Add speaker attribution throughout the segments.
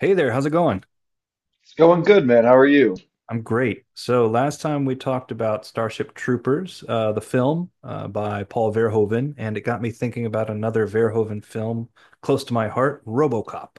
Speaker 1: Hey there, how's it going?
Speaker 2: It's going good, man. How are you?
Speaker 1: I'm great. So last time we talked about Starship Troopers, the film by Paul Verhoeven, and it got me thinking about another Verhoeven film close to my heart, RoboCop.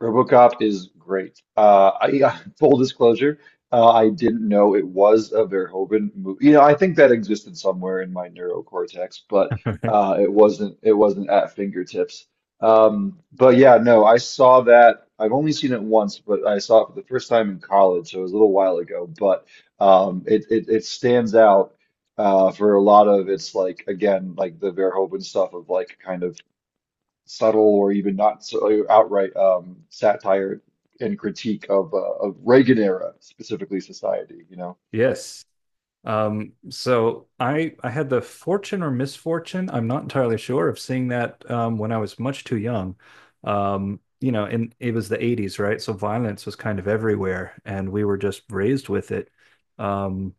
Speaker 2: RoboCop is great. Full disclosure, I didn't know it was a Verhoeven movie. You know, I think that existed somewhere in my neurocortex, but it wasn't. It wasn't at fingertips. But yeah, no, I saw that. I've only seen it once, but I saw it for the first time in college, so it was a little while ago. But it stands out, for a lot of its, like, again, like the Verhoeven stuff of, like, kind of subtle or even not so outright satire and critique of of Reagan era, specifically, society.
Speaker 1: Yes. So I had the fortune or misfortune, I'm not entirely sure, of seeing that when I was much too young. You know, and it was the 80s, right? So violence was kind of everywhere, and we were just raised with it. Um,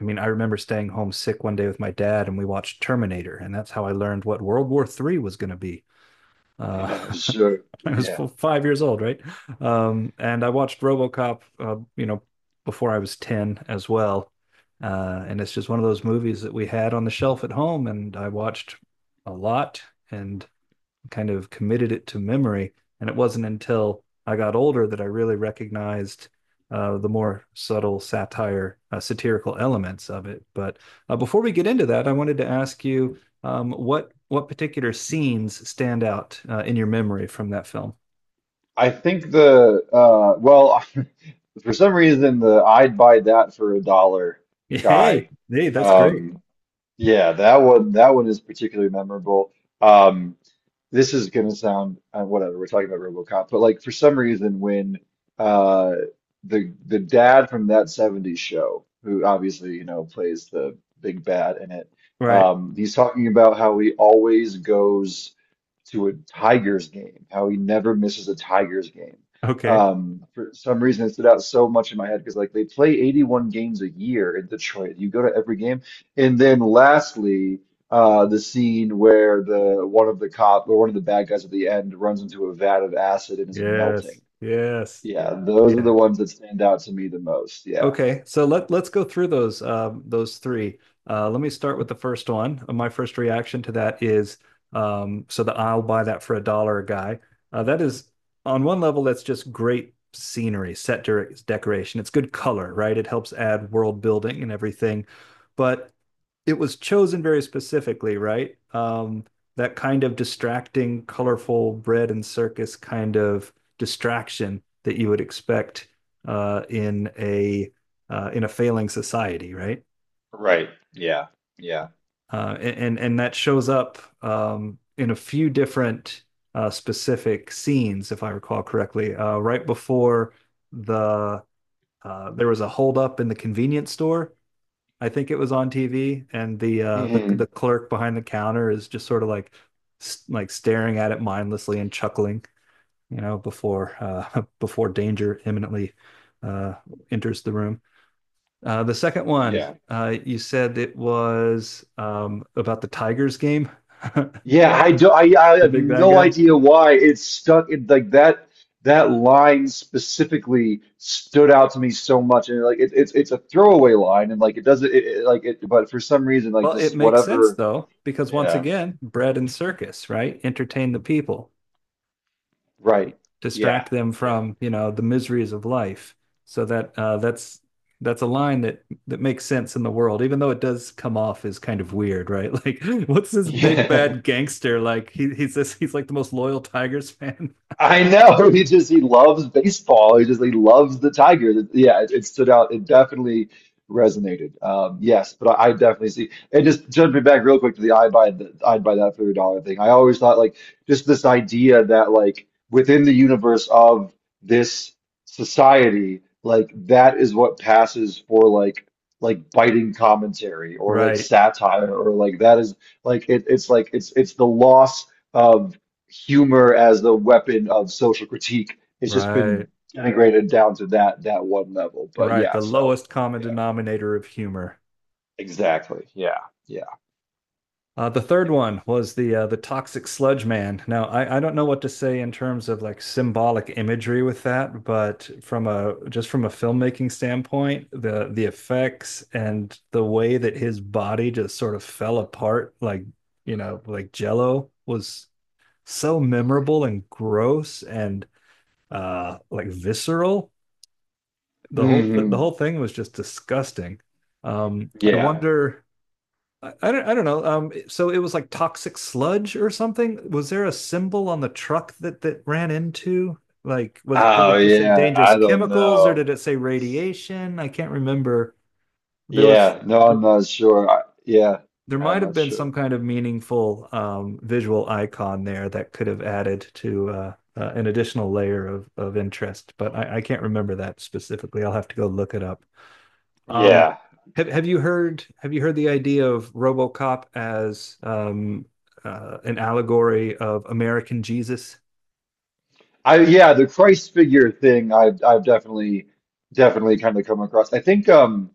Speaker 1: I mean, I remember staying home sick one day with my dad, and we watched Terminator, and that's how I learned what World War III was going to be. Uh,
Speaker 2: So
Speaker 1: I was
Speaker 2: yeah,
Speaker 1: 5 years old, right? And I watched RoboCop, you know, before I was 10 as well. And it's just one of those movies that we had on the shelf at home, and I watched a lot. And kind of committed it to memory. And it wasn't until I got older that I really recognized the more subtle satire, satirical elements of it. But before we get into that, I wanted to ask you what particular scenes stand out in your memory from that film?
Speaker 2: I think, the well, for some reason, the "I'd buy that for a dollar"
Speaker 1: Hey,
Speaker 2: guy.
Speaker 1: hey, that's great.
Speaker 2: Um, yeah, that one is particularly memorable. Um, this is going to sound, whatever, we're talking about RoboCop, but like for some reason, when uh the dad from that 70s show, who obviously plays the big bad in it,
Speaker 1: Right.
Speaker 2: he's talking about how he always goes to a Tigers game, how he never misses a Tigers game.
Speaker 1: Okay.
Speaker 2: For some reason, it stood out so much in my head because, like, they play 81 games a year in Detroit. You go to every game, and then lastly, the scene where the one of the cop, or one of the bad guys at the end, runs into a vat of acid and is melting.
Speaker 1: Yes. Yes.
Speaker 2: Yeah, those are the
Speaker 1: Yeah.
Speaker 2: ones that stand out to me the most. Yeah.
Speaker 1: Okay, so let's go through those three. Let me start with the first one. My first reaction to that is so the I'll buy that for a dollar guy. That is on one level that's just great scenery, set de decoration. It's good color, right? It helps add world building and everything, but it was chosen very specifically, right? That kind of distracting, colorful bread and circus kind of distraction that you would expect uh, in a in a failing society, right?
Speaker 2: Right. Yeah. Yeah.
Speaker 1: And that shows up in a few different specific scenes, if I recall correctly. Right before the there was a holdup in the convenience store. I think it was on TV, and the the
Speaker 2: Hmm.
Speaker 1: the clerk behind the counter is just sort of like staring at it mindlessly and chuckling, you know, before before danger imminently uh, enters the room. The second one,
Speaker 2: Yeah.
Speaker 1: you said it was about the Tigers game, the
Speaker 2: Yeah, I do. I have
Speaker 1: big bad
Speaker 2: no
Speaker 1: guy.
Speaker 2: idea why it's stuck in like that. That line specifically stood out to me so much, and like it's a throwaway line, and like it doesn't, like it, but for some reason, like
Speaker 1: Well, it
Speaker 2: this,
Speaker 1: makes sense
Speaker 2: whatever.
Speaker 1: though, because once
Speaker 2: Yeah.
Speaker 1: again, bread and circus, right? Entertain the people,
Speaker 2: Right. Yeah.
Speaker 1: distract them
Speaker 2: Yeah.
Speaker 1: from you know the miseries of life. So that that's a line that makes sense in the world, even though it does come off as kind of weird, right? Like, what's this big
Speaker 2: Yeah.
Speaker 1: bad gangster like? He's this he's like the most loyal Tigers fan,
Speaker 2: I know. He just he loves baseball. He just he loves the Tigers. Yeah, it stood out. It definitely resonated. Yes, but I definitely see. And just jumping back real quick to the "I'd buy that for a dollar" thing. I always thought, like, just this idea that, like, within the universe of this society, like, that is what passes for, like, biting commentary, or like
Speaker 1: right?
Speaker 2: satire, or like that is like it, it's like it's the loss, humor as the weapon of social critique. It's just been
Speaker 1: Right.
Speaker 2: integrated down to that one level. But
Speaker 1: Right,
Speaker 2: yeah,
Speaker 1: the
Speaker 2: so
Speaker 1: lowest common
Speaker 2: yeah,
Speaker 1: denominator of humor.
Speaker 2: exactly. Yeah, yeah,
Speaker 1: The third
Speaker 2: yeah.
Speaker 1: one was the toxic sludge man. Now, I don't know what to say in terms of like symbolic imagery with that, but from a just from a filmmaking standpoint, the effects and the way that his body just sort of fell apart, like you know, like Jello, was so memorable and gross and like visceral. The whole th the
Speaker 2: Hmm.
Speaker 1: whole thing was just disgusting. I
Speaker 2: Yeah.
Speaker 1: wonder I don't know. So it was like toxic sludge or something. Was there a symbol on the truck that ran into? Like, was did
Speaker 2: Oh
Speaker 1: it just say
Speaker 2: yeah.
Speaker 1: dangerous
Speaker 2: I don't
Speaker 1: chemicals or
Speaker 2: know.
Speaker 1: did it say radiation? I can't remember. There was
Speaker 2: Yeah. No, I'm
Speaker 1: there,
Speaker 2: not sure. Yeah,
Speaker 1: there
Speaker 2: I'm
Speaker 1: might have
Speaker 2: not
Speaker 1: been
Speaker 2: sure.
Speaker 1: some kind of meaningful visual icon there that could have added to an additional layer of interest, but I can't remember that specifically. I'll have to go look it up. Um,
Speaker 2: Yeah.
Speaker 1: have you heard the idea of RoboCop as an allegory of American Jesus?
Speaker 2: I Yeah, the Christ figure thing I've definitely, kind of come across. I think um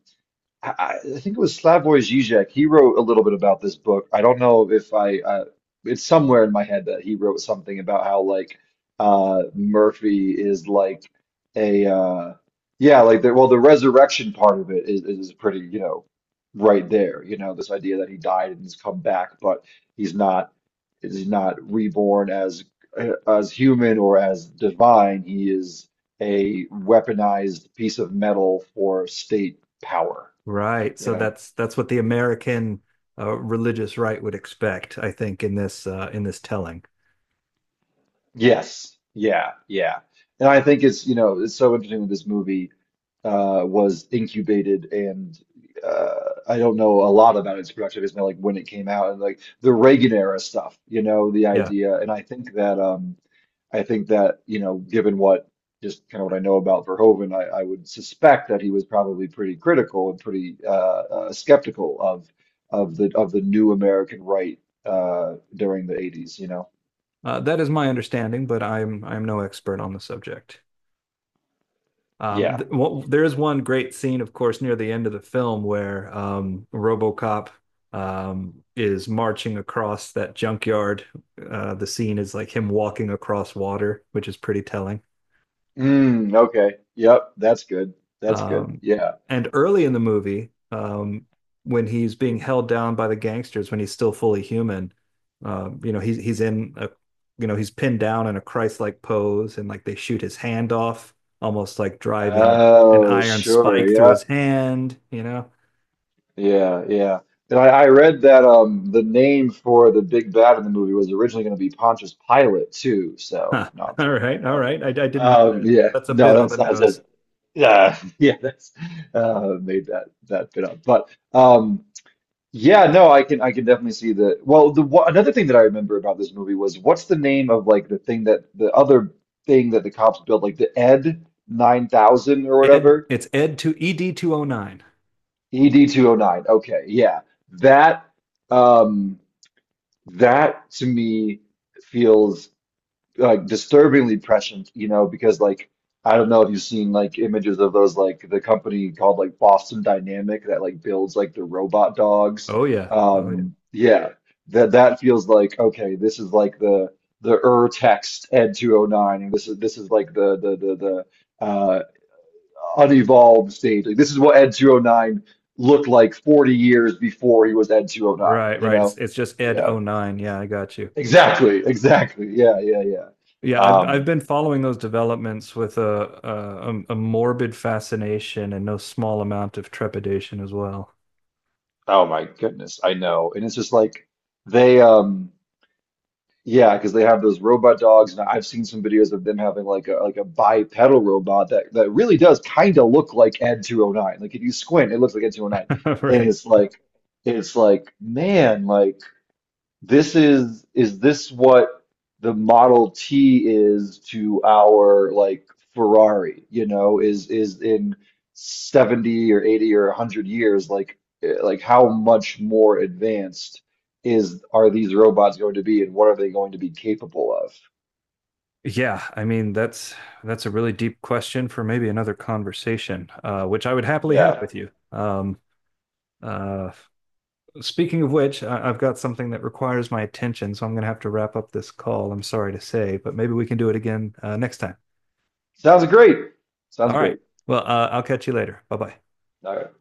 Speaker 2: I, I think it was Slavoj Žižek. He wrote a little bit about this book. I don't know if it's somewhere in my head that he wrote something about how, like, Murphy is like a, yeah, like the, well, the resurrection part of it is pretty, right there. You know, this idea that he died and he's come back, but he's not, he's not reborn as human or as divine. He is a weaponized piece of metal for state power,
Speaker 1: Right.
Speaker 2: you
Speaker 1: So
Speaker 2: know?
Speaker 1: that's what the American religious right would expect, I think, in this telling.
Speaker 2: Yes. Yeah. Yeah. And I think it's so interesting that this movie was incubated and uh I don't know a lot about its production history, like when it came out and like the Reagan era stuff, the
Speaker 1: Yeah,
Speaker 2: idea. And I think that, given what just kind of what I know about Verhoeven, I would suspect that he was probably pretty critical and pretty skeptical of the new American right, during the 80s.
Speaker 1: that is my understanding, but I'm no expert on the subject.
Speaker 2: Yeah.
Speaker 1: Th Well, there is one great scene, of course, near the end of the film where RoboCop is marching across that junkyard. The scene is like him walking across water, which is pretty telling.
Speaker 2: Mm, okay. Yep, that's good. That's good.
Speaker 1: Um,
Speaker 2: Yeah.
Speaker 1: and early in the movie, when he's being held down by the gangsters, when he's still fully human, you know, he's in a, you know, he's pinned down in a Christ-like pose, and like they shoot his hand off, almost like driving an
Speaker 2: Oh,
Speaker 1: iron
Speaker 2: sure.
Speaker 1: spike through
Speaker 2: Yeah.
Speaker 1: his hand. You know,
Speaker 2: Yeah, yeah. And I read that the name for the big bad in the movie was originally going to be Pontius Pilate, too. So,
Speaker 1: huh.
Speaker 2: no, I'm
Speaker 1: All
Speaker 2: joking
Speaker 1: right, all
Speaker 2: about that.
Speaker 1: right. I didn't know that.
Speaker 2: Yeah.
Speaker 1: That's a
Speaker 2: No,
Speaker 1: bit on the
Speaker 2: that's I
Speaker 1: nose.
Speaker 2: just yeah, yeah, that's made that bit up. But. Yeah, no, I can, I can definitely see the, another thing that I remember about this movie was, what's the name of like the thing that the other thing that the cops built, like the Ed 9000 or
Speaker 1: Ed,
Speaker 2: whatever?
Speaker 1: it's Ed to ED 209. Oh nine.
Speaker 2: ED 209, okay, yeah, that um that, to me, feels, like, disturbingly prescient, because, like, I don't know if you've seen, like, images of those, like, the company called, like, Boston Dynamic, that, like, builds, like, the robot dogs.
Speaker 1: Oh yeah. Oh yeah.
Speaker 2: Yeah, that feels like, okay, this is like the, Ur text Ed 209, and this is like the unevolved stage. Like, this is what Ed 209 looked like 40 years before he was Ed 209,
Speaker 1: Right,
Speaker 2: you
Speaker 1: right.
Speaker 2: know?
Speaker 1: It's just Ed
Speaker 2: Yeah.
Speaker 1: oh nine. Yeah, I got you.
Speaker 2: Exactly, exactly. Yeah, yeah, yeah.
Speaker 1: Yeah, I've
Speaker 2: Um
Speaker 1: been following those developments with a morbid fascination and no small amount of trepidation as well.
Speaker 2: Oh my goodness, I know. And it's just like they, yeah, because they have those robot dogs, and I've seen some videos of them having, like, a bipedal robot that really does kind of look like Ed 209. Like, if you squint, it looks like Ed 209. And
Speaker 1: Right.
Speaker 2: it's like, man, like, this is this what the Model T is to our, like, Ferrari, you know, is in 70 or 80 or 100 years? Like, eh, like, how much more advanced is are these robots going to be, and what are they going to be capable of?
Speaker 1: Yeah, I mean that's a really deep question for maybe another conversation, which I would happily have
Speaker 2: Yeah.
Speaker 1: with you. Uh, Speaking of which, I've got something that requires my attention, so I'm going to have to wrap up this call. I'm sorry to say, but maybe we can do it again next time.
Speaker 2: Sounds great. Sounds
Speaker 1: All right.
Speaker 2: great.
Speaker 1: Well, I'll catch you later. Bye bye.
Speaker 2: All right.